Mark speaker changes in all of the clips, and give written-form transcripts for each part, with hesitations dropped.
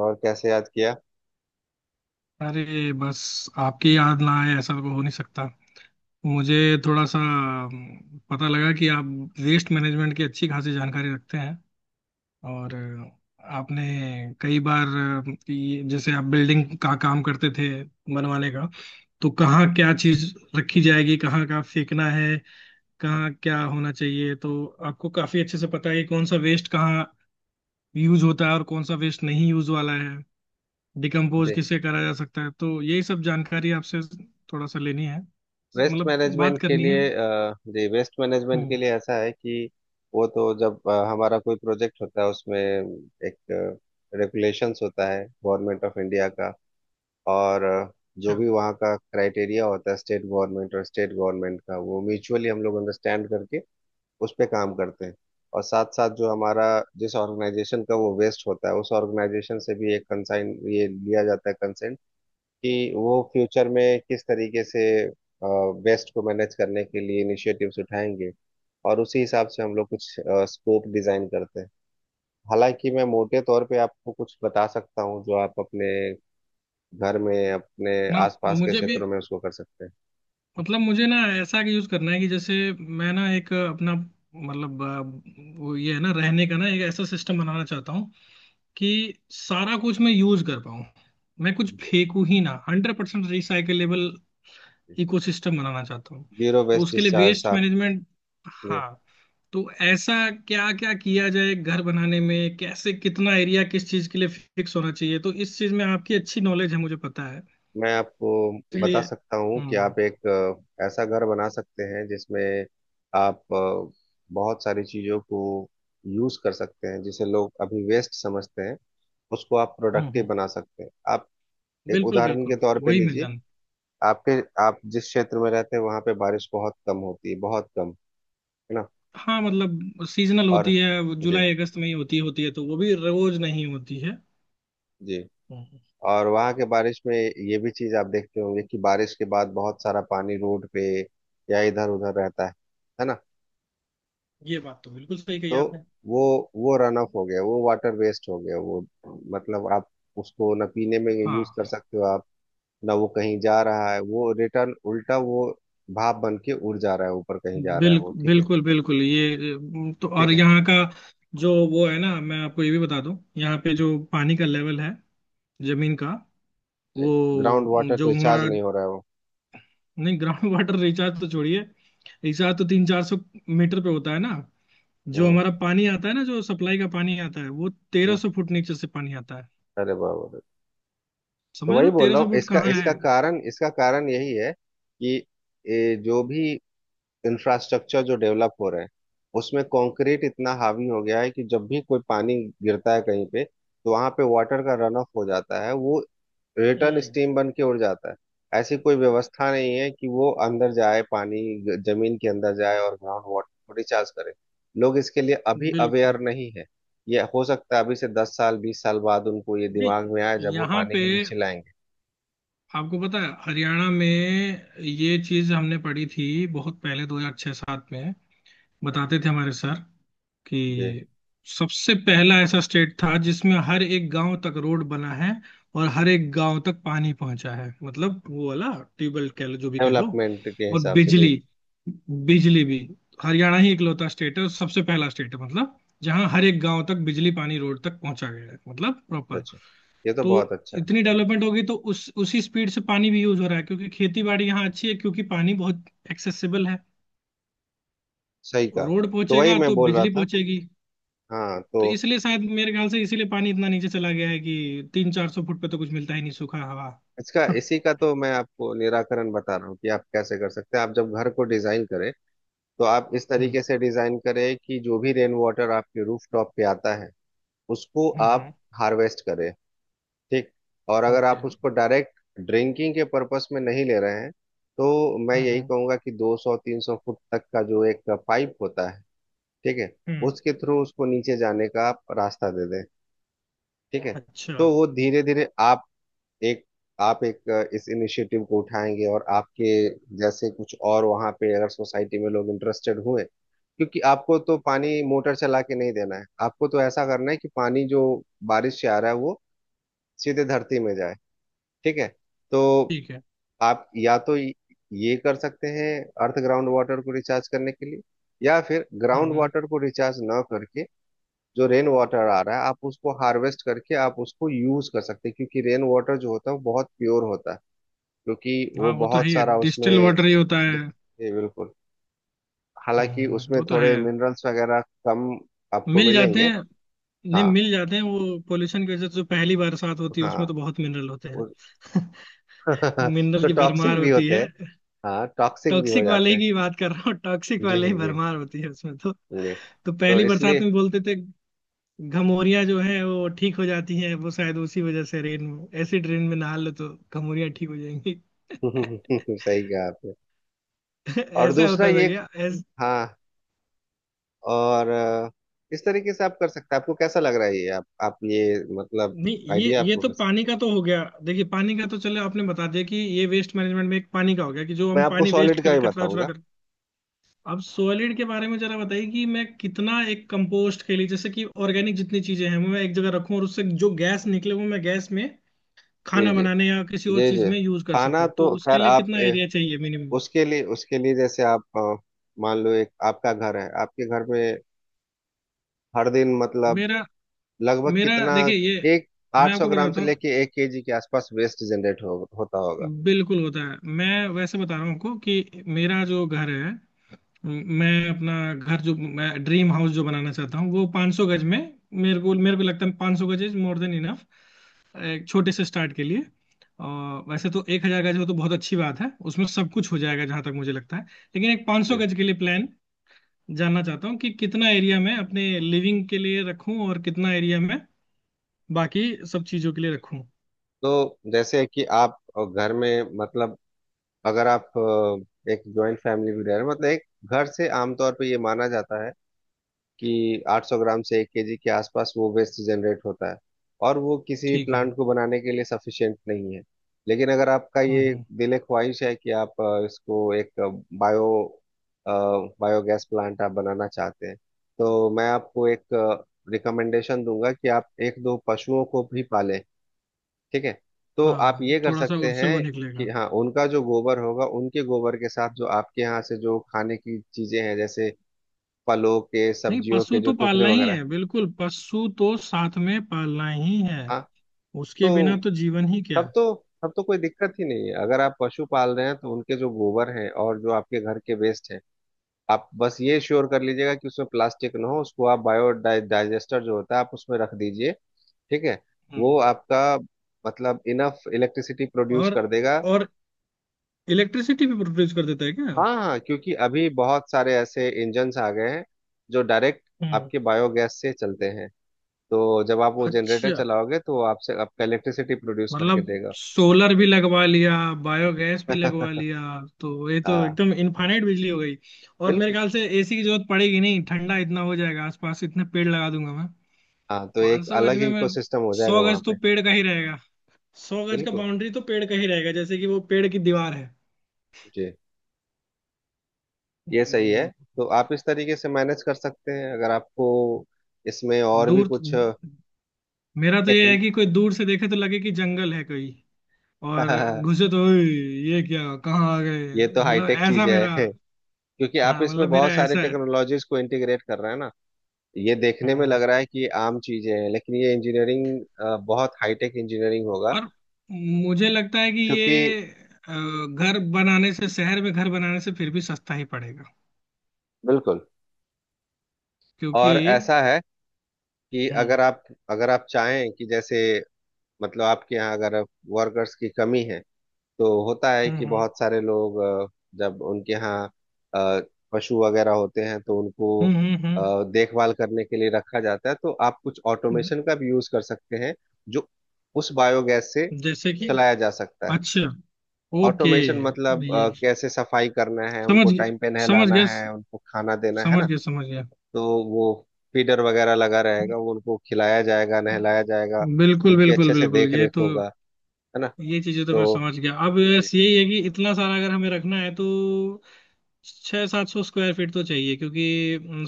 Speaker 1: और कैसे याद किया।
Speaker 2: अरे बस आपकी याद ना आए ऐसा तो हो नहीं सकता। मुझे थोड़ा सा पता लगा कि आप वेस्ट मैनेजमेंट की अच्छी खासी जानकारी रखते हैं और आपने कई बार जैसे आप बिल्डिंग का काम करते थे बनवाने का। तो कहाँ क्या चीज रखी जाएगी कहाँ का फेंकना है कहाँ क्या होना चाहिए तो आपको काफी अच्छे से पता है कि कौन सा वेस्ट कहाँ यूज होता है और कौन सा वेस्ट नहीं यूज वाला है, डिकम्पोज
Speaker 1: दे।
Speaker 2: किसे करा जा सकता है। तो यही सब जानकारी आपसे थोड़ा सा लेनी है,
Speaker 1: वेस्ट
Speaker 2: मतलब बात
Speaker 1: मैनेजमेंट के
Speaker 2: करनी है।
Speaker 1: लिए अ, जी, वेस्ट मैनेजमेंट के
Speaker 2: हम्म।
Speaker 1: लिए ऐसा है कि वो तो जब हमारा कोई प्रोजेक्ट होता है उसमें एक रेगुलेशंस होता है गवर्नमेंट ऑफ इंडिया का। और जो
Speaker 2: अच्छा।
Speaker 1: भी वहाँ का क्राइटेरिया होता है, स्टेट गवर्नमेंट और स्टेट गवर्नमेंट का, वो म्यूचुअली हम लोग अंडरस्टैंड करके उस पे काम करते हैं। और साथ साथ जो हमारा, जिस ऑर्गेनाइजेशन का वो वेस्ट होता है उस ऑर्गेनाइजेशन से भी एक कंसाइन ये लिया जाता है, कंसेंट, कि वो फ्यूचर में किस तरीके से वेस्ट को मैनेज करने के लिए इनिशिएटिव्स उठाएंगे। और उसी हिसाब से हम लोग कुछ स्कोप डिजाइन करते हैं। हालांकि मैं मोटे तौर पे आपको कुछ बता सकता हूँ जो आप अपने घर में, अपने
Speaker 2: ना।
Speaker 1: आसपास के
Speaker 2: मुझे भी,
Speaker 1: क्षेत्रों में उसको कर सकते
Speaker 2: मतलब मुझे ना ऐसा यूज करना है कि जैसे मैं ना एक अपना मतलब वो ये है ना रहने का ना, एक ऐसा सिस्टम बनाना चाहता हूँ कि सारा कुछ मैं यूज कर पाऊँ। मैं कुछ
Speaker 1: हैं। जी।
Speaker 2: फेंकू ही ना, 100% रिसाइकलेबल इकोसिस्टम बनाना चाहता हूँ।
Speaker 1: जीरो
Speaker 2: तो
Speaker 1: वेस्ट
Speaker 2: उसके लिए
Speaker 1: डिस्चार्ज
Speaker 2: वेस्ट
Speaker 1: आप।
Speaker 2: मैनेजमेंट।
Speaker 1: जी।
Speaker 2: हाँ। तो ऐसा क्या क्या किया जाए घर बनाने में, कैसे कितना एरिया किस चीज के लिए फिक्स होना चाहिए, तो इस चीज में आपकी अच्छी नॉलेज है मुझे पता है,
Speaker 1: मैं आपको बता
Speaker 2: इसलिए।
Speaker 1: सकता हूँ कि
Speaker 2: हम्म
Speaker 1: आप एक ऐसा घर बना सकते हैं जिसमें आप बहुत सारी चीज़ों को यूज़ कर सकते हैं जिसे लोग अभी वेस्ट समझते हैं। उसको आप
Speaker 2: हम्म
Speaker 1: प्रोडक्टिव
Speaker 2: हम्म,
Speaker 1: बना सकते हैं। आप एक
Speaker 2: बिल्कुल
Speaker 1: उदाहरण के
Speaker 2: बिल्कुल।
Speaker 1: तौर पे
Speaker 2: वही मिल
Speaker 1: लीजिए।
Speaker 2: जाना।
Speaker 1: आपके आप जिस क्षेत्र में रहते हैं वहाँ पे बारिश बहुत कम होती है, बहुत कम है ना।
Speaker 2: हाँ मतलब सीजनल
Speaker 1: और
Speaker 2: होती है वो,
Speaker 1: जी।
Speaker 2: जुलाई अगस्त में ही होती होती है, तो वो भी रोज नहीं होती है।
Speaker 1: जी।
Speaker 2: हम्म,
Speaker 1: और वहाँ के बारिश में ये भी चीज़ आप देखते होंगे कि बारिश के बाद बहुत सारा पानी रोड पे या इधर उधर रहता है ना।
Speaker 2: ये बात तो बिल्कुल सही कही
Speaker 1: तो
Speaker 2: आपने।
Speaker 1: वो वो रन ऑफ हो गया, वो वाटर वेस्ट हो गया, वो मतलब आप उसको ना पीने में यूज कर
Speaker 2: हाँ।
Speaker 1: सकते हो। आप, ना वो कहीं जा रहा है, वो रिटर्न उल्टा वो भाप बन के उड़ जा रहा है, ऊपर कहीं जा रहा है, वो
Speaker 2: बिल्कुल
Speaker 1: ठीक है।
Speaker 2: बिल्कुल बिल्कुल ये तो, और
Speaker 1: ठीक है।
Speaker 2: यहाँ का जो वो है ना, मैं आपको ये भी बता दूं। यहाँ पे जो पानी का लेवल है जमीन का,
Speaker 1: जी। ग्राउंड
Speaker 2: वो
Speaker 1: वाटर
Speaker 2: जो
Speaker 1: रिचार्ज
Speaker 2: हमारा,
Speaker 1: नहीं हो रहा है वो।
Speaker 2: नहीं ग्राउंड वाटर रिचार्ज तो छोड़िए। रिचार्ज तो तीन चार सौ मीटर पे होता है ना। जो
Speaker 1: हम्म,
Speaker 2: हमारा पानी आता है ना, जो सप्लाई का पानी आता है वो तेरह
Speaker 1: हम्म,
Speaker 2: सौ फुट नीचे से पानी आता है।
Speaker 1: अरे बाबा रे। तो
Speaker 2: समझ रहे
Speaker 1: वही
Speaker 2: हो
Speaker 1: बोल
Speaker 2: तेरह
Speaker 1: रहा
Speaker 2: सौ
Speaker 1: हूँ,
Speaker 2: फुट
Speaker 1: इसका
Speaker 2: कहाँ है।
Speaker 1: इसका कारण यही है कि जो भी इंफ्रास्ट्रक्चर जो डेवलप हो रहे हैं उसमें कंक्रीट इतना हावी हो गया है कि जब भी कोई पानी गिरता है कहीं पे तो वहां पे वाटर का रन ऑफ हो जाता है, वो रिटर्न
Speaker 2: हम्म।
Speaker 1: स्टीम बन के उड़ जाता है। ऐसी कोई व्यवस्था नहीं है कि वो अंदर जाए, पानी जमीन के अंदर जाए और ग्राउंड वाटर रिचार्ज करे। लोग इसके लिए अभी
Speaker 2: बिल्कुल।
Speaker 1: अवेयर नहीं है। ये हो सकता है अभी से 10 साल 20 साल बाद उनको ये
Speaker 2: जी।
Speaker 1: दिमाग में आए जब वो
Speaker 2: यहाँ
Speaker 1: पानी
Speaker 2: पे
Speaker 1: के लिए चिल्लाएंगे।
Speaker 2: आपको पता है हरियाणा में ये चीज हमने पढ़ी थी, बहुत पहले 2006-7 में बताते थे हमारे सर कि
Speaker 1: जी।
Speaker 2: सबसे पहला ऐसा स्टेट था जिसमें हर एक गांव तक रोड बना है, और हर एक गांव तक पानी पहुंचा है, मतलब वो वाला ट्यूबवेल कह लो जो भी कह लो।
Speaker 1: डेवलपमेंट के
Speaker 2: और
Speaker 1: हिसाब से जी।
Speaker 2: बिजली, बिजली भी हरियाणा ही इकलौता स्टेट है और सबसे पहला स्टेट है, मतलब जहाँ हर एक गांव तक बिजली पानी रोड तक पहुंचा गया है, मतलब
Speaker 1: अच्छा
Speaker 2: प्रॉपर।
Speaker 1: अच्छा। ये तो
Speaker 2: तो
Speaker 1: बहुत अच्छा है।
Speaker 2: इतनी डेवलपमेंट होगी तो उस उसी स्पीड से पानी भी यूज हो रहा है, क्योंकि खेती बाड़ी यहाँ अच्छी है क्योंकि पानी बहुत एक्सेसिबल है।
Speaker 1: सही का।
Speaker 2: रोड
Speaker 1: तो वही
Speaker 2: पहुंचेगा
Speaker 1: मैं
Speaker 2: तो
Speaker 1: बोल रहा
Speaker 2: बिजली
Speaker 1: था।
Speaker 2: पहुंचेगी।
Speaker 1: हाँ, तो
Speaker 2: तो इसलिए शायद मेरे ख्याल से इसीलिए पानी इतना नीचे चला गया है कि तीन चार सौ फुट पे तो कुछ मिलता ही नहीं, सूखा हवा।
Speaker 1: इसका, इसी का तो मैं आपको निराकरण बता रहा हूँ कि आप कैसे कर सकते हैं। आप जब घर को डिजाइन करें तो आप इस
Speaker 2: हम्म
Speaker 1: तरीके से डिजाइन करें कि जो भी रेन वाटर आपके रूफ टॉप पे आता है उसको आप
Speaker 2: हम्म।
Speaker 1: हार्वेस्ट करें। ठीक। और अगर
Speaker 2: ओके।
Speaker 1: आप उसको डायरेक्ट ड्रिंकिंग के पर्पस में नहीं ले रहे हैं तो मैं
Speaker 2: Okay,
Speaker 1: यही
Speaker 2: हम्म।
Speaker 1: कहूंगा कि 200 300 फुट तक का जो एक पाइप होता है, ठीक है,
Speaker 2: हम्म,
Speaker 1: उसके थ्रू उसको नीचे जाने का आप रास्ता दे दें। ठीक है।
Speaker 2: अच्छा।
Speaker 1: तो वो धीरे धीरे आप एक एक इस इनिशिएटिव को उठाएंगे और आपके जैसे कुछ और वहां पे अगर सोसाइटी में लोग इंटरेस्टेड हुए, क्योंकि आपको तो पानी मोटर चला के नहीं देना है, आपको तो ऐसा करना है कि पानी जो बारिश से आ रहा है वो सीधे धरती में जाए। ठीक है। तो
Speaker 2: ठीक है।
Speaker 1: आप या तो ये कर सकते हैं, अर्थ ग्राउंड वाटर को रिचार्ज करने के लिए, या फिर ग्राउंड
Speaker 2: हम्म हम्म,
Speaker 1: वाटर को रिचार्ज ना करके जो रेन वाटर आ रहा है आप उसको हार्वेस्ट करके आप उसको यूज कर सकते हैं, क्योंकि रेन वाटर जो होता है वो बहुत प्योर होता है, क्योंकि
Speaker 2: हाँ
Speaker 1: वो
Speaker 2: वो तो है
Speaker 1: बहुत
Speaker 2: ही,
Speaker 1: सारा उसमें
Speaker 2: डिस्टिल वाटर ही होता है।
Speaker 1: जी, बिल्कुल। हालांकि उसमें
Speaker 2: वो तो है।
Speaker 1: थोड़े मिनरल्स वगैरह कम आपको
Speaker 2: मिल जाते
Speaker 1: मिलेंगे।
Speaker 2: हैं। नहीं
Speaker 1: हाँ,
Speaker 2: मिल जाते हैं, वो पोल्यूशन की वजह से, जो पहली बरसात होती है उसमें तो
Speaker 1: हाँ,
Speaker 2: बहुत मिनरल होते
Speaker 1: उस-
Speaker 2: हैं। मिनरल
Speaker 1: तो
Speaker 2: की भरमार
Speaker 1: टॉक्सिक भी
Speaker 2: होती
Speaker 1: होते
Speaker 2: है।
Speaker 1: हैं। हाँ टॉक्सिक भी हो
Speaker 2: टॉक्सिक वाले
Speaker 1: जाते
Speaker 2: ही
Speaker 1: हैं।
Speaker 2: की बात कर रहा हूँ, टॉक्सिक
Speaker 1: जी,
Speaker 2: वाले ही
Speaker 1: जी।
Speaker 2: भरमार होती है उसमें तो।
Speaker 1: जी।
Speaker 2: तो
Speaker 1: तो
Speaker 2: पहली बरसात
Speaker 1: इसलिए
Speaker 2: में बोलते थे, घमौरियाँ जो है वो ठीक हो जाती हैं, वो शायद उसी वजह से रेन, ऐसी रेन में नहा लो तो घमौरियाँ ठीक हो जाएंगी।
Speaker 1: सही कहा आपने। और
Speaker 2: ऐसा
Speaker 1: दूसरा
Speaker 2: होता था
Speaker 1: ये।
Speaker 2: क्या ऐस...
Speaker 1: हाँ। और इस तरीके से आप कर सकते हैं। आपको कैसा लग रहा है ये, आप ये मतलब
Speaker 2: नहीं
Speaker 1: आइडिया
Speaker 2: ये
Speaker 1: आपको
Speaker 2: तो
Speaker 1: कैसा।
Speaker 2: पानी का तो हो गया, देखिए पानी का तो चलो आपने बता दिया कि ये वेस्ट मैनेजमेंट में एक पानी का हो गया कि जो
Speaker 1: मैं
Speaker 2: हम
Speaker 1: आपको
Speaker 2: पानी वेस्ट
Speaker 1: सॉलिड का ही
Speaker 2: करके, कचरा उचरा
Speaker 1: बताऊंगा।
Speaker 2: अब सॉलिड के बारे में जरा बताइए कि मैं कितना एक कंपोस्ट के लिए जैसे कि ऑर्गेनिक जितनी चीजें हैं वो मैं एक जगह रखूं और उससे जो गैस निकले वो मैं गैस में
Speaker 1: जी,
Speaker 2: खाना
Speaker 1: जी।
Speaker 2: बनाने या किसी और
Speaker 1: जी,
Speaker 2: चीज
Speaker 1: जी।
Speaker 2: में यूज कर
Speaker 1: खाना
Speaker 2: सकूं, तो
Speaker 1: तो
Speaker 2: उसके
Speaker 1: खैर
Speaker 2: लिए
Speaker 1: आप,
Speaker 2: कितना एरिया चाहिए मिनिमम।
Speaker 1: उसके लिए जैसे आप मान लो एक आपका घर है, आपके घर में हर दिन मतलब
Speaker 2: मेरा
Speaker 1: लगभग
Speaker 2: मेरा
Speaker 1: कितना
Speaker 2: देखिए ये,
Speaker 1: एक
Speaker 2: मैं
Speaker 1: 800
Speaker 2: आपको
Speaker 1: ग्राम से
Speaker 2: बताता
Speaker 1: लेके 1 केजी के आसपास वेस्ट जनरेट होता होगा।
Speaker 2: हूँ, बिल्कुल होता है, मैं वैसे बता रहा हूँ आपको, कि मेरा जो घर है, मैं अपना घर जो मैं ड्रीम हाउस जो बनाना चाहता हूँ वो 500 गज में। मेरे को लगता है 500 गज इज मोर देन इनफ, एक छोटे से स्टार्ट के लिए। और वैसे तो 1000 गज हो तो बहुत अच्छी बात है, उसमें सब कुछ हो जाएगा जहां तक मुझे लगता है। लेकिन एक 500
Speaker 1: जी,
Speaker 2: गज के लिए प्लान जानना चाहता हूँ, कि कितना एरिया
Speaker 1: जी।
Speaker 2: मैं अपने लिविंग के लिए रखूँ और कितना एरिया मैं बाकी सब चीजों के लिए रखूँ।
Speaker 1: तो जैसे कि आप घर में मतलब अगर आप एक जॉइंट फैमिली भी रह रहे हो मतलब एक घर से आमतौर पे ये माना जाता है कि 800 ग्राम से 1 केजी के आसपास वो वेस्ट जनरेट होता है, और वो किसी भी
Speaker 2: ठीक है।
Speaker 1: प्लांट को बनाने के लिए सफिशिएंट नहीं है। लेकिन अगर आपका ये
Speaker 2: हम्म,
Speaker 1: दिल ख्वाहिश है कि आप इसको एक बायो बायोगैस प्लांट आप बनाना चाहते हैं तो मैं आपको एक रिकमेंडेशन दूंगा कि आप एक दो पशुओं को भी पालें। ठीक है। तो आप
Speaker 2: हाँ
Speaker 1: ये कर
Speaker 2: थोड़ा सा
Speaker 1: सकते
Speaker 2: उससे वो
Speaker 1: हैं कि
Speaker 2: निकलेगा।
Speaker 1: हाँ उनका जो गोबर होगा, उनके गोबर के साथ जो आपके यहाँ से जो खाने की चीजें हैं जैसे फलों के,
Speaker 2: नहीं
Speaker 1: सब्जियों
Speaker 2: पशु
Speaker 1: के जो
Speaker 2: तो
Speaker 1: टुकड़े
Speaker 2: पालना ही
Speaker 1: वगैरह।
Speaker 2: है, बिल्कुल पशु तो साथ में पालना ही है,
Speaker 1: हाँ।
Speaker 2: उसके बिना
Speaker 1: तो
Speaker 2: तो जीवन ही क्या।
Speaker 1: तब तो तब तो कोई दिक्कत ही नहीं है, अगर आप पशु पाल रहे हैं तो उनके जो गोबर हैं और जो आपके घर के वेस्ट हैं, आप बस ये श्योर कर लीजिएगा कि उसमें प्लास्टिक ना हो। उसको आप बायो डाइजेस्टर जो होता है आप उसमें रख दीजिए। ठीक है। वो
Speaker 2: हम्म।
Speaker 1: आपका मतलब इनफ इलेक्ट्रिसिटी प्रोड्यूस
Speaker 2: और
Speaker 1: कर देगा।
Speaker 2: और इलेक्ट्रिसिटी भी प्रोड्यूस कर देता है क्या।
Speaker 1: हाँ, हाँ, क्योंकि अभी बहुत सारे ऐसे इंजन्स आ गए हैं जो डायरेक्ट
Speaker 2: हम्म।
Speaker 1: आपके बायोगैस से चलते हैं। तो जब आप वो जनरेटर
Speaker 2: अच्छा,
Speaker 1: चलाओगे तो वो आपसे आपका इलेक्ट्रिसिटी प्रोड्यूस करके
Speaker 2: मतलब
Speaker 1: देगा।
Speaker 2: सोलर भी लगवा लिया, बायोगैस भी लगवा लिया, तो ये तो
Speaker 1: हाँ
Speaker 2: एकदम इनफाइनाइट बिजली हो गई। और मेरे
Speaker 1: बिल्कुल।
Speaker 2: ख्याल से एसी की जरूरत पड़ेगी नहीं, ठंडा इतना हो जाएगा, आसपास इतने पेड़ लगा दूंगा मैं।
Speaker 1: हाँ, तो एक
Speaker 2: 500 गज
Speaker 1: अलग
Speaker 2: में
Speaker 1: ही
Speaker 2: मैं
Speaker 1: इकोसिस्टम हो जाएगा
Speaker 2: सौ
Speaker 1: वहां
Speaker 2: गज तो
Speaker 1: पे।
Speaker 2: पेड़ का ही रहेगा, 100 गज का
Speaker 1: बिल्कुल।
Speaker 2: बाउंड्री तो पेड़ का ही रहेगा, जैसे कि वो पेड़ की दीवार है।
Speaker 1: जी। ये सही है।
Speaker 2: हम्म,
Speaker 1: तो आप इस तरीके से मैनेज कर सकते हैं अगर आपको इसमें और भी
Speaker 2: दूर तो,
Speaker 1: कुछ
Speaker 2: मेरा तो ये है
Speaker 1: टेक्निक।
Speaker 2: कि कोई दूर से देखे तो लगे कि जंगल है, कोई और घुसे तो "ओए, ये क्या कहाँ आ गए"।
Speaker 1: ये तो
Speaker 2: मतलब
Speaker 1: हाईटेक चीज
Speaker 2: ऐसा
Speaker 1: है।
Speaker 2: मेरा,
Speaker 1: क्योंकि आप
Speaker 2: हाँ
Speaker 1: इसमें
Speaker 2: मतलब मेरा
Speaker 1: बहुत सारे
Speaker 2: ऐसा है।
Speaker 1: टेक्नोलॉजीज को इंटीग्रेट कर रहे हैं ना। ये देखने में
Speaker 2: हाँ,
Speaker 1: लग रहा है कि ये आम चीजें हैं लेकिन ये इंजीनियरिंग, बहुत हाईटेक इंजीनियरिंग होगा।
Speaker 2: और मुझे लगता है कि
Speaker 1: क्योंकि
Speaker 2: ये घर बनाने से शहर में, घर बनाने से फिर भी सस्ता ही पड़ेगा
Speaker 1: बिल्कुल।
Speaker 2: क्योंकि।
Speaker 1: और ऐसा है कि
Speaker 2: हम्म
Speaker 1: अगर आप चाहें कि जैसे मतलब आपके यहाँ अगर वर्कर्स की कमी है, तो होता है कि
Speaker 2: हम्म हम्म
Speaker 1: बहुत सारे लोग जब उनके यहाँ अ, पशु वगैरह होते हैं तो उनको
Speaker 2: हम्म हम्म
Speaker 1: देखभाल करने के लिए रखा जाता है, तो आप कुछ
Speaker 2: हम्म।
Speaker 1: ऑटोमेशन का भी यूज कर सकते हैं जो उस बायोगैस से
Speaker 2: जैसे कि,
Speaker 1: चलाया जा सकता है।
Speaker 2: अच्छा, ओके।
Speaker 1: ऑटोमेशन मतलब
Speaker 2: ये
Speaker 1: कैसे सफाई करना है, उनको
Speaker 2: समझ गया
Speaker 1: टाइम पे
Speaker 2: समझ
Speaker 1: नहलाना
Speaker 2: गया,
Speaker 1: है, उनको खाना देना है
Speaker 2: समझ
Speaker 1: ना,
Speaker 2: गया समझ गया।
Speaker 1: तो वो फीडर वगैरह लगा रहेगा, वो उनको खिलाया जाएगा, नहलाया जाएगा,
Speaker 2: बिल्कुल
Speaker 1: उनकी
Speaker 2: बिल्कुल
Speaker 1: अच्छे से
Speaker 2: बिल्कुल
Speaker 1: देख
Speaker 2: ये
Speaker 1: रेख
Speaker 2: तो,
Speaker 1: होगा, है ना।
Speaker 2: ये चीजें तो मैं
Speaker 1: तो
Speaker 2: समझ गया। अब
Speaker 1: जी,
Speaker 2: बस यही है कि इतना सारा अगर हमें रखना है, तो छह सात सौ स्क्वायर फीट तो चाहिए, क्योंकि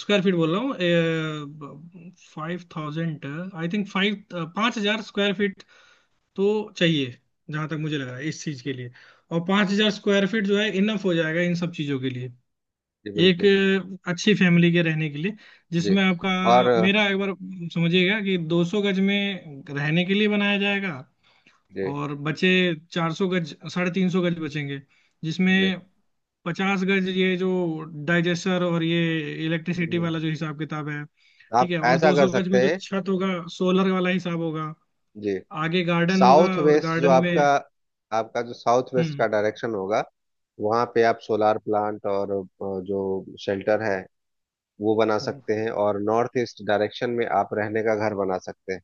Speaker 2: स्क्वायर फीट बोल रहा हूँ। 5000, आई थिंक, फाइव, 5000 स्क्वायर फीट तो चाहिए जहां तक मुझे लग रहा है इस चीज के लिए। और 5000 स्क्वायर फीट जो है इनफ हो जाएगा इन सब चीजों के लिए,
Speaker 1: जी,
Speaker 2: एक
Speaker 1: बिल्कुल।
Speaker 2: अच्छी फैमिली के रहने के लिए,
Speaker 1: जी।
Speaker 2: जिसमें आपका,
Speaker 1: और
Speaker 2: मेरा एक बार समझिएगा कि 200 गज में रहने के लिए बनाया जाएगा,
Speaker 1: जी,
Speaker 2: और बचे 400 गज, 350 गज बचेंगे,
Speaker 1: जी।
Speaker 2: जिसमें 50 गज ये जो डाइजेस्टर और ये इलेक्ट्रिसिटी
Speaker 1: हम्म,
Speaker 2: वाला जो हिसाब किताब है। ठीक
Speaker 1: आप
Speaker 2: है, और
Speaker 1: ऐसा कर
Speaker 2: 200 गज
Speaker 1: सकते
Speaker 2: में जो
Speaker 1: हैं।
Speaker 2: छत होगा सोलर वाला हिसाब होगा,
Speaker 1: जी।
Speaker 2: आगे गार्डन होगा,
Speaker 1: साउथ
Speaker 2: और
Speaker 1: वेस्ट जो
Speaker 2: गार्डन में।
Speaker 1: आपका आपका जो साउथ वेस्ट का
Speaker 2: हम्म
Speaker 1: डायरेक्शन होगा वहाँ पे आप सोलार प्लांट और जो शेल्टर है वो बना
Speaker 2: हम्म।
Speaker 1: सकते हैं, और नॉर्थ ईस्ट डायरेक्शन में आप रहने का घर बना सकते हैं।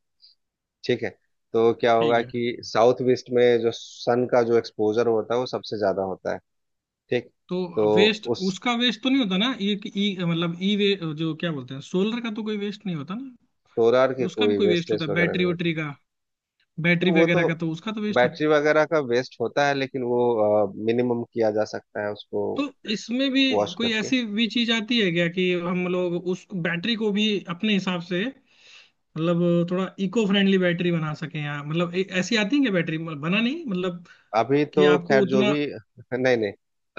Speaker 1: ठीक है। तो क्या
Speaker 2: ठीक
Speaker 1: होगा
Speaker 2: है।
Speaker 1: कि साउथ वेस्ट में जो सन का जो एक्सपोजर होता है वो सबसे ज्यादा होता है। ठीक।
Speaker 2: तो
Speaker 1: तो
Speaker 2: वेस्ट,
Speaker 1: उस
Speaker 2: उसका वेस्ट तो नहीं होता ना, ये ई मतलब ई वे जो क्या बोलते हैं, सोलर का तो कोई वेस्ट नहीं होता ना।
Speaker 1: सोलार के
Speaker 2: उसका भी
Speaker 1: कोई
Speaker 2: कोई वेस्ट होता
Speaker 1: वेस्टेज
Speaker 2: है,
Speaker 1: वगैरह
Speaker 2: बैटरी
Speaker 1: नहीं होते।
Speaker 2: वैटरी का,
Speaker 1: तो
Speaker 2: बैटरी
Speaker 1: वो
Speaker 2: वगैरह
Speaker 1: तो
Speaker 2: का तो उसका तो वेस्ट होता है।
Speaker 1: बैटरी वगैरह का वेस्ट होता है, लेकिन वो मिनिमम किया जा सकता है उसको
Speaker 2: तो इसमें भी
Speaker 1: वॉश
Speaker 2: कोई
Speaker 1: करके।
Speaker 2: ऐसी भी चीज आती है क्या कि हम लोग उस बैटरी को भी अपने हिसाब से, मतलब थोड़ा इको फ्रेंडली बैटरी बना सके, या मतलब ऐसी आती है क्या बैटरी, मतलब बना नहीं, मतलब
Speaker 1: अभी तो
Speaker 2: कि आपको
Speaker 1: खैर जो
Speaker 2: उतना।
Speaker 1: भी नहीं, नहीं,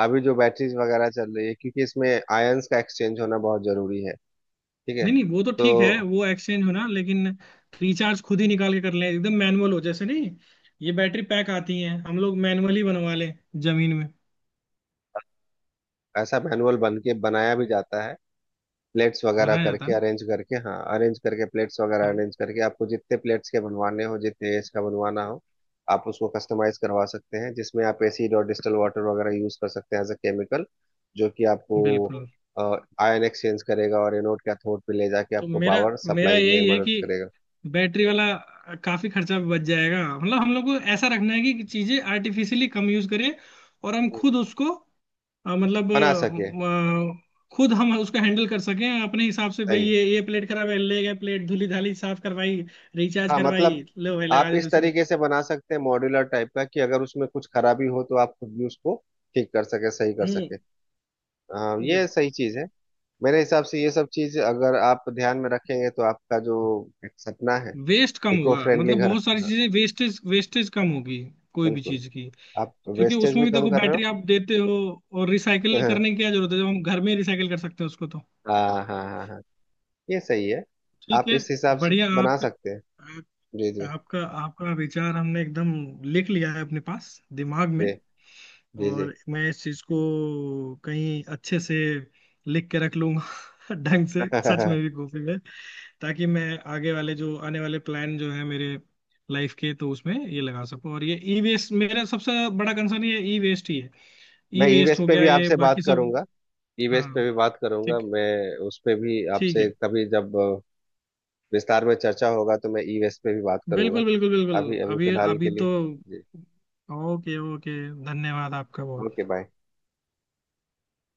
Speaker 1: अभी जो बैटरीज वगैरह चल रही है, क्योंकि इसमें आयंस का एक्सचेंज होना बहुत जरूरी है। ठीक है।
Speaker 2: नहीं नहीं वो तो
Speaker 1: तो
Speaker 2: ठीक है, वो एक्सचेंज होना, लेकिन रिचार्ज खुद ही निकाल के कर लें एकदम मैनुअल हो जैसे, नहीं ये बैटरी पैक आती हैं, हम लोग मैनुअली बनवा लें जमीन में,
Speaker 1: ऐसा मैनुअल बन के बनाया भी जाता है, प्लेट्स वगैरह
Speaker 2: बनाया जाता है
Speaker 1: करके
Speaker 2: ना।
Speaker 1: अरेंज करके, हाँ, अरेंज करके, प्लेट्स वगैरह
Speaker 2: हाँ
Speaker 1: अरेंज करके, आपको जितने प्लेट्स के बनवाने हो, जितने एज का बनवाना हो, आप उसको कस्टमाइज करवा सकते हैं जिसमें आप एसिड और डिस्टल वाटर वगैरह यूज कर सकते हैं एज अ केमिकल, जो कि आपको
Speaker 2: बिल्कुल।
Speaker 1: आयन एक्सचेंज करेगा और एनोड कैथोड पे ले जाके
Speaker 2: तो
Speaker 1: आपको
Speaker 2: मेरा
Speaker 1: पावर
Speaker 2: मेरा
Speaker 1: सप्लाई में
Speaker 2: यही है
Speaker 1: मदद
Speaker 2: कि
Speaker 1: करेगा।
Speaker 2: बैटरी वाला काफी खर्चा बच जाएगा, मतलब हम लोग को ऐसा रखना है कि चीजें आर्टिफिशियली कम यूज करें, और हम
Speaker 1: हम्म।
Speaker 2: खुद उसको, मतलब
Speaker 1: बना सके,
Speaker 2: खुद हम उसको हैंडल कर सकें अपने हिसाब से, भाई
Speaker 1: सही।
Speaker 2: ये प्लेट खराब है, ले गए प्लेट, धुली धाली, साफ करवाई, रिचार्ज
Speaker 1: हाँ,
Speaker 2: करवाई,
Speaker 1: मतलब
Speaker 2: लो भाई
Speaker 1: आप
Speaker 2: लगा दे
Speaker 1: इस
Speaker 2: दूसरी।
Speaker 1: तरीके से बना सकते हैं मॉड्यूलर टाइप का कि अगर उसमें कुछ खराबी हो तो आप खुद भी उसको ठीक कर सके, सही कर
Speaker 2: हम्म
Speaker 1: सके। हाँ ये
Speaker 2: बिल्कुल,
Speaker 1: सही चीज है। मेरे हिसाब से ये सब चीज अगर आप ध्यान में रखेंगे तो आपका जो एक सपना है
Speaker 2: वेस्ट कम
Speaker 1: इको
Speaker 2: होगा,
Speaker 1: फ्रेंडली
Speaker 2: मतलब
Speaker 1: घर,
Speaker 2: बहुत सारी
Speaker 1: हाँ
Speaker 2: चीजें, वेस्टेज वेस्टेज कम होगी कोई भी
Speaker 1: बिल्कुल,
Speaker 2: चीज की।
Speaker 1: आप
Speaker 2: क्योंकि
Speaker 1: वेस्टेज
Speaker 2: उसमें
Speaker 1: भी
Speaker 2: भी
Speaker 1: कम
Speaker 2: देखो
Speaker 1: कर रहे हो।
Speaker 2: बैटरी आप देते हो, और रिसाइकिल करने की क्या जरूरत है जब हम घर में रिसाइकिल कर सकते हैं उसको तो।
Speaker 1: हाँ, हाँ, हाँ, हाँ, ये सही है।
Speaker 2: ठीक
Speaker 1: आप
Speaker 2: है,
Speaker 1: इस हिसाब से
Speaker 2: बढ़िया
Speaker 1: बना
Speaker 2: आपका,
Speaker 1: सकते हैं।
Speaker 2: आप,
Speaker 1: जी, जी,
Speaker 2: आपका आपका विचार हमने एकदम लिख लिया है अपने पास दिमाग में।
Speaker 1: जी, जी, जी।
Speaker 2: और मैं इस चीज को कहीं अच्छे से लिख के रख लूंगा ढंग से, सच में भी, कॉपी में, ताकि मैं आगे वाले जो आने वाले प्लान जो है मेरे लाइफ के तो उसमें ये लगा सकूं। और ये ई वेस्ट मेरा सबसे बड़ा कंसर्न, ये ई वेस्ट ही है।
Speaker 1: मैं
Speaker 2: ई
Speaker 1: ई
Speaker 2: वेस्ट
Speaker 1: वेस्ट
Speaker 2: हो
Speaker 1: पे
Speaker 2: गया,
Speaker 1: भी
Speaker 2: ये
Speaker 1: आपसे बात
Speaker 2: बाकी सब।
Speaker 1: करूंगा। ई वेस्ट
Speaker 2: हाँ,
Speaker 1: पे भी बात करूंगा
Speaker 2: ठीक
Speaker 1: मैं, उस पे भी
Speaker 2: ठीक है।
Speaker 1: आपसे कभी, जब विस्तार में चर्चा होगा तो मैं ई वेस्ट पे भी बात करूंगा।
Speaker 2: बिल्कुल बिल्कुल बिल्कुल।
Speaker 1: अभी अभी
Speaker 2: अभी
Speaker 1: फिलहाल के
Speaker 2: अभी
Speaker 1: लिए
Speaker 2: तो।
Speaker 1: जी
Speaker 2: ओके ओके। धन्यवाद आपका
Speaker 1: ओके
Speaker 2: बहुत।
Speaker 1: बाय।